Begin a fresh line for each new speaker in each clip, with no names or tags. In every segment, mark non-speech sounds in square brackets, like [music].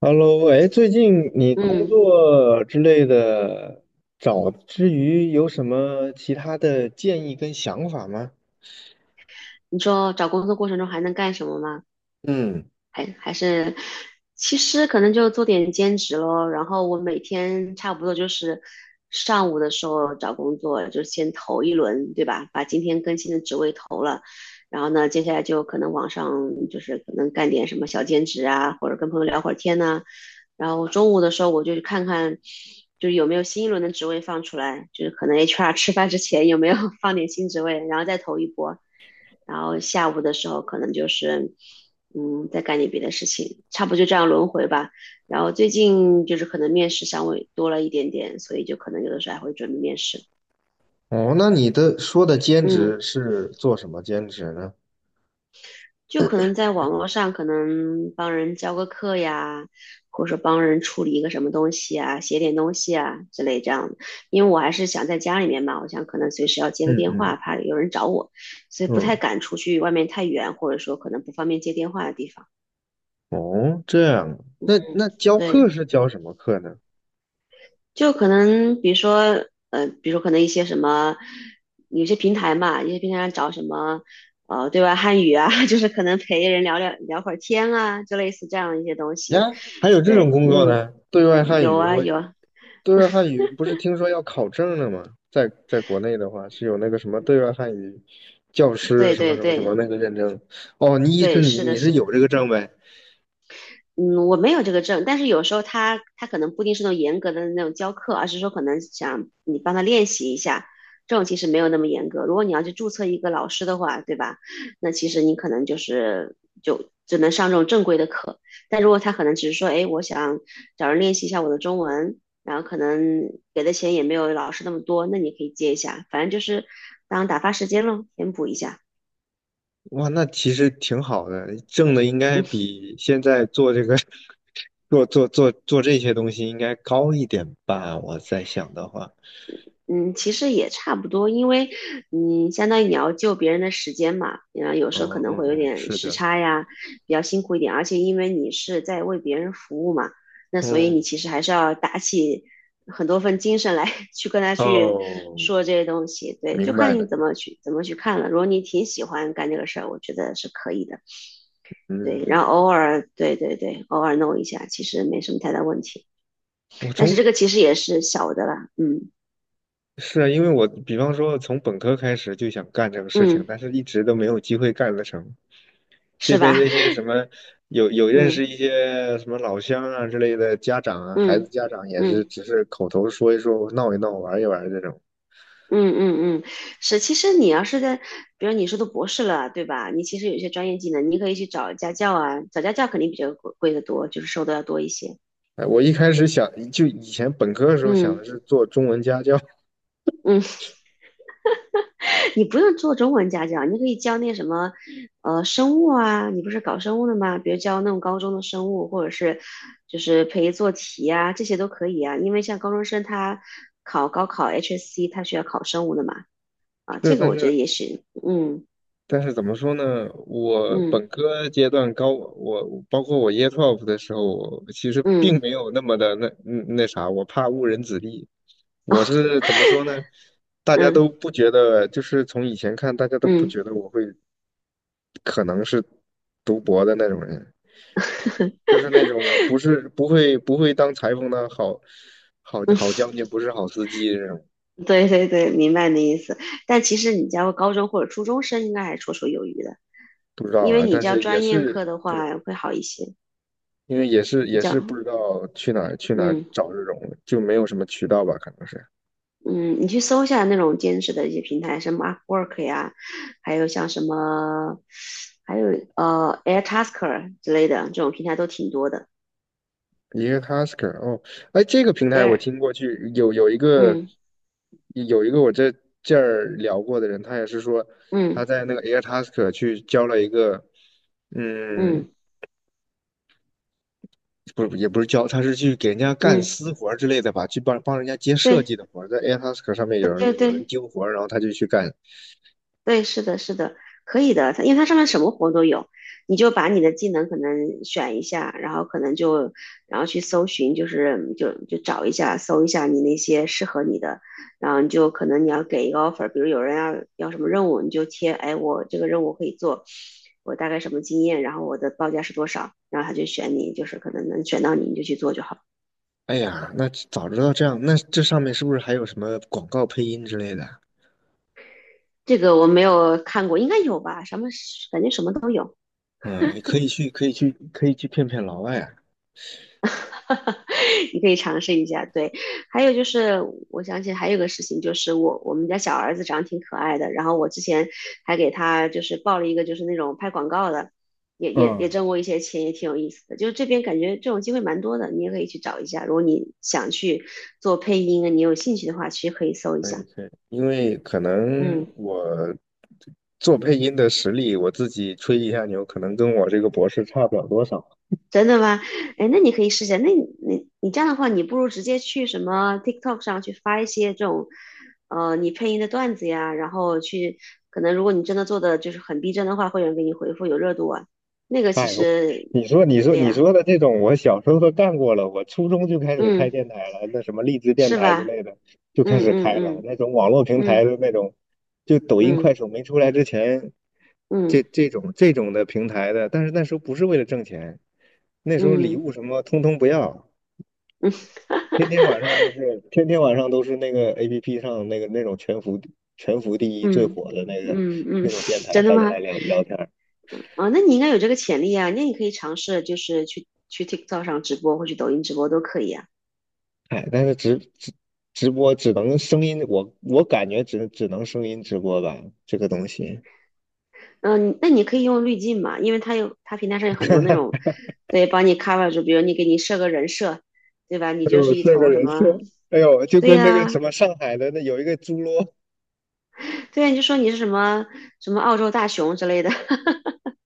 Hello，哎，最近你工
嗯，
作之类的找之余，有什么其他的建议跟想法吗？
你说找工作过程中还能干什么吗？
嗯，
还是，其实可能就做点兼职咯。然后我每天差不多就是上午的时候找工作，就先投一轮，对吧？把今天更新的职位投了，然后呢，接下来就可能网上就是可能干点什么小兼职啊，或者跟朋友聊会儿天呐、然后中午的时候我就去看看，就是有没有新一轮的职位放出来，就是可能 HR 吃饭之前有没有 [laughs] 放点新职位，然后再投一波。然后下午的时候可能就是再干点别的事情，差不多就这样轮回吧。然后最近就是可能面试稍微多了一点点，所以就可能有的时候还会准备面试。
哦，那你的说的兼
嗯，
职是做什么兼职呢？
就可能在网络上可能帮人教个课呀，或者说帮人处理一个什么东西啊，写点东西啊之类这样的。因为我还是想在家里面嘛，我想可能随时要接个
嗯
电话，
嗯
怕有人找我，所以不太
嗯，
敢出去外面太远，或者说可能不方便接电话的地方。
哦，这样，那
嗯，
那教
对。
课是教什么课呢？
就可能比如说，比如可能一些什么，有些平台嘛，有些平台上找什么，对外汉语啊，[laughs] 就是可能陪人聊会儿天啊，就类似这样的一些东西。
呀，还有这种
对，
工作
嗯，
呢？对外汉
有
语，
啊
我
有啊，
对外汉语不是听说要考证了吗？在国内的话，是有那个什么对外汉语教师
对
什么
对
什么什么
对
那个认证。哦，你意思
对，
你
是
你
的
是
是
有
的。
这个证呗？
嗯，我没有这个证，但是有时候他可能不一定是那种严格的那种教课，而是说可能想你帮他练习一下，这种其实没有那么严格。如果你要去注册一个老师的话，对吧？那其实你可能就是就只能上这种正规的课。但如果他可能只是说，哎，我想找人练习一下我的中文，然后可能给的钱也没有老师那么多，那你可以接一下，反正就是当打发时间咯，填补一下。[laughs]
哇，那其实挺好的，挣的应该比现在做这个 [laughs] 做这些东西应该高一点吧？我在想的话，
嗯，其实也差不多，因为嗯，相当于你要救别人的时间嘛，然后有时候可
嗯
能
嗯
会有
嗯，
点
是
时
的，
差呀，比较辛苦一点，而且因为你是在为别人服务嘛，那所以你
嗯，
其实还是要打起很多份精神来 [laughs] 去跟他去
哦，
说这些东西，对，就
明白
看
了，
你怎么去看了。如果你挺喜欢干这个事儿，我觉得是可以的，对，然后
嗯。
偶尔，对对对，偶尔弄一下，其实没什么太大问题，
我
但是
从
这个其实也是小的了，嗯
是啊，因为我比方说从本科开始就想干这个事情，
嗯，
但是一直都没有机会干得成。这
是
边
吧？
这些什么有
[laughs]
认
嗯。
识一些什么老乡啊之类的家长啊，孩子
嗯
家长也是
嗯
只是口头说一说，闹一闹，玩一玩这种。
嗯嗯嗯，是。其实你要是在，比如你是读博士了，对吧？你其实有一些专业技能，你可以去找家教啊，找家教肯定比较贵的多，就是收的要多一些。
哎我一开始想就以前本科的时候想的
嗯
是做中文家教，[laughs]
嗯，[laughs] 你不用做中文家教，你可以教那什么，生物啊，你不是搞生物的吗？比如教那种高中的生物，或者是就是陪做题啊，这些都可以啊。因为像高中生他考高考 HSC，他需要考生物的嘛，啊，
是，
这个
但
我觉得
是
也许，嗯
但是怎么说呢？我本
嗯。
科阶段高，我包括我 Year Twelve 的时候，我其实
嗯
并没有那么的那那啥，我怕误人子弟。我是怎么说呢？大家
嗯
都不觉得，就是从以前看，大家都不
嗯
觉得我会可能是读博的那种人，就是那种不是不会当裁缝的好好
嗯，
好将军，不是好司机这种，
[laughs] 对对对，明白你的意思。但其实你家高中或者初中生应该还绰绰有余的，
不知道
因为
啊。
你
但
教
是也
专业课
是
的话会好一些。
因为也是
你
也
教，
是不知道去哪儿
嗯
找这种，就没有什么渠道吧，可能是
嗯，你去搜一下那种兼职的一些平台，什么 Upwork 呀，还有像什么，还有Airtasker 之类的这种平台都挺多的。
一个 Tasker 哦，哎，这个平台我
Air，
听过去，有一个
嗯
有一个我这儿聊过的人，他也是说他
嗯
在那个 Air Tasker 去交了一个，嗯，
嗯
不是也不是交，他是去给人家干
嗯，
私活儿之类的吧，去帮人家接设
对
计的活儿，在 Air Tasker 上面有
对对
人有人
对。
丢活儿，然后他就去干。
对，是的，是的，可以的。它因为它上面什么活都有，你就把你的技能可能选一下，然后可能就然后去搜寻，就是就找一下，搜一下你那些适合你的，然后你就可能你要给一个 offer，比如有人要什么任务，你就贴，哎，我这个任务可以做，我大概什么经验，然后我的报价是多少，然后他就选你，就是可能能选到你，你就去做就好。
哎呀，那早知道这样，那这上面是不是还有什么广告配音之类的？
这个我没有看过，应该有吧？什么感觉什么都有。
嗯，可以去，可以去，可以去骗骗老外啊。
[laughs] 你可以尝试一下。对，还有就是，我想起还有个事情，就是我们家小儿子长得挺可爱的，然后我之前还给他就是报了一个就是那种拍广告的，也也
嗯，
也挣过一些钱，也挺有意思的。就是这边感觉这种机会蛮多的，你也可以去找一下。如果你想去做配音啊，你有兴趣的话，其实可以搜一
可以
下。
可以，因为可能
嗯。
我做配音的实力，我自己吹一下牛，可能跟我这个博士差不了多少。
真的吗？哎，那你可以试一下。那你你这样的话，你不如直接去什么 TikTok 上去发一些这种，你配音的段子呀，然后去，可能如果你真的做的就是很逼真的话，会有人给你回复有热度啊。那
[laughs]
个其
哎，我
实，
你说
对
你
呀，
说的这种，我小时候都干过了。我初中就开始开
嗯，
电台了，那什么荔枝电
是
台之
吧？
类的就开
嗯
始开了。
嗯
那种网络
嗯
平台
嗯
的那种，就抖音、
嗯
快手没出来之前，这
嗯
这种这种的平台的，但是那时候不是为了挣钱，那时候礼
嗯
物什么通通不要，天天晚上都是那个 APP 上那个那种全服第一最
嗯
火的那个
嗯嗯，
那种电
[laughs]
台，
真的
大家来
吗？
聊聊天。
啊，那你应该有这个潜力啊，那你可以尝试就是去 TikTok 上直播或去抖音直播都可以啊。
哎，但是直播只能声音，我感觉只能声音直播吧，这个东西。
嗯，那你可以用滤镜嘛，因为它平台上有很多那种，对，帮你 cover 住，比如你给你设个人设，对吧？你
哎
就
呦，
是一
是个
头什
人设，
么，
哎呦，就
对
跟那个什
呀、
么上海的那有一个猪猡，
对呀、你就说你是什么什么澳洲大熊之类的，[laughs]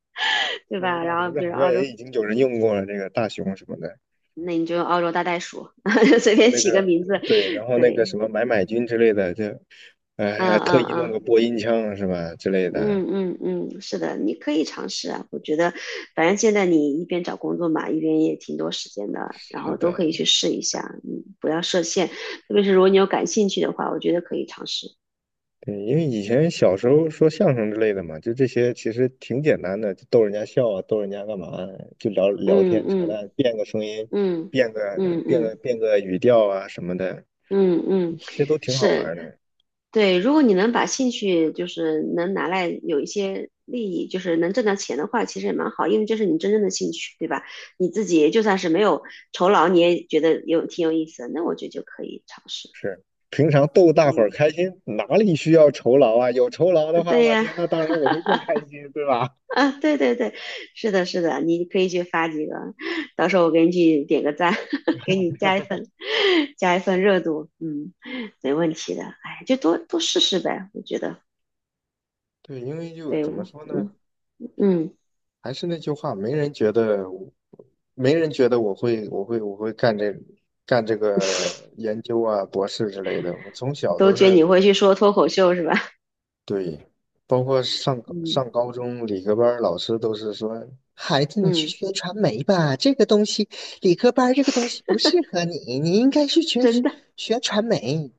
对
我说
吧？
大
然
熊，
后
这
比
好
如
像
澳
也
洲，
已经有人用过了，那个大熊什么的，
那你就用澳洲大袋鼠，[laughs] 随
我
便
那
起个
个
名字，
对，然后那个
对，
什么买买君之类的，就，哎，还
嗯
特
嗯
意弄
嗯。
个播音腔是吧之类的，
嗯嗯嗯，是的，你可以尝试啊。我觉得，反正现在你一边找工作嘛，一边也挺多时间的，然
是
后都可
的，
以去试一下。嗯，不要设限，特别是如果你有感兴趣的话，我觉得可以尝试。
对，因为以前小时候说相声之类的嘛，就这些其实挺简单的，就逗人家笑啊，逗人家干嘛，就聊聊
嗯
天扯
嗯
淡，变个声音，
嗯
变个
嗯嗯
变个语调啊什么的，
嗯嗯，
这些都挺好玩
是
儿的。
对。如果你能把兴趣就是能拿来有一些利益，就是能挣到钱的话，其实也蛮好，因为这是你真正的兴趣，对吧？你自己就算是没有酬劳，你也觉得有挺有意思的，那我觉得就可以尝试。
是，平常逗大伙儿
嗯，
开心，哪里需要酬劳啊？有酬劳的话，
对
我
呀，
天，那当然我会更开心，对吧？
啊，对对对，是的，是的，你可以去发几个，到时候我给你去点个赞，[laughs] 给你加一份，加一份热度，嗯，没问题的，哎，就多多试试呗，我觉得，
对，因为就
对，
怎么
我
说呢？
嗯嗯，
还是那句话，没人觉得我会干这个研究啊，博士之类的。我从小
都
都
觉得
是
你会去说脱口秀是吧？
对，包括上
嗯
上高中理科班儿老师都是说，孩子，你去
嗯，
学传媒吧，这个东西理科班儿这个东西不适合你，你应该去学
真的，
学传媒，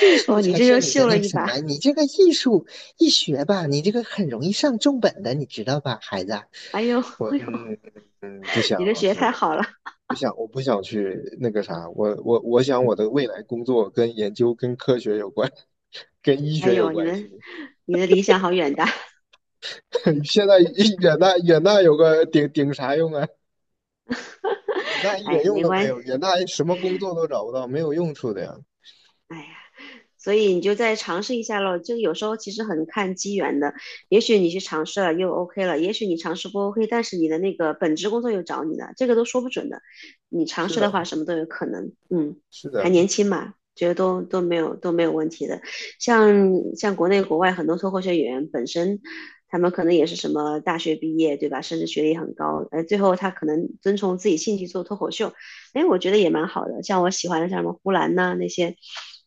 艺术
哦，你
才
这
是
又
你的
秀了
那个
一
什
把，
么，你这个艺术一学吧，你这个很容易上重本的，你知道吧，孩子？
哎呦
我
哎呦，
嗯嗯不
[laughs] 你
想，
这
老
学
师，
太
我
好了，
不想，我不想去那个啥，我想我的未来工作跟研究跟科学有关，[laughs] 跟医
哎
学有
呦，你
关
们
系。
你的理想好远大，
[laughs] 现在一远大远大有个顶啥用啊？远大
[laughs]
一点
哎，
用
没
都没
关，
有，
系，
远大什么工作都找不到，没有用处的呀。
哎呀。所以你就再尝试一下咯。就有时候其实很看机缘的，也许你去尝试了又 OK 了，也许你尝试不 OK，但是你的那个本职工作又找你了，这个都说不准的。你尝
是
试的话，
的，
什么都有可能。嗯，
是
还
的，
年轻嘛，觉得都没有没有问题的。像国内国外很多脱口秀演员本身。他们可能也是什么大学毕业，对吧？甚至学历很高，最后他可能遵从自己兴趣做脱口秀，哎，我觉得也蛮好的。像我喜欢的像什么呼兰呐、那些，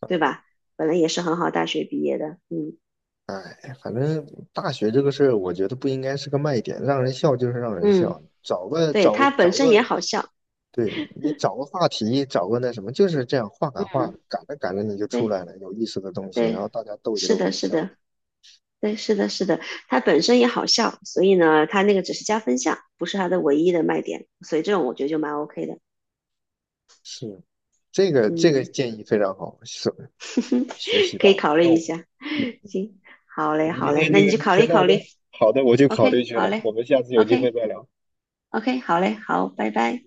对吧？本来也是很好大学毕业的，嗯
哎，反正大学这个事儿，我觉得不应该是个卖点，让人笑就是让人
嗯，
笑，
对他本
找
身也
个
好笑，
对你找个话题，找个那什么，就是这样话赶话，
嗯，
赶着赶着你就出
对
来了有意思的东西，然
对，
后大家逗一
是
逗
的，
就
是
笑了。
的，对，是的，是的，他本身也好笑，所以呢，他那个只是加分项，不是他的唯一的卖点，所以这种我觉得就蛮 OK 的，
是，这个
嗯，
建议非常好，是学习
[laughs] 可
到
以
了。
考虑
那
一
我，
下，
嗯，
行，好
那我
嘞，
们
好
今
嘞，
天
那
就
你就考虑
先
考
到这
虑
儿好的，我去考虑
，OK，
去
好
了，
嘞
我们下次有机会
，OK，OK，
再聊。
好嘞，好，拜拜。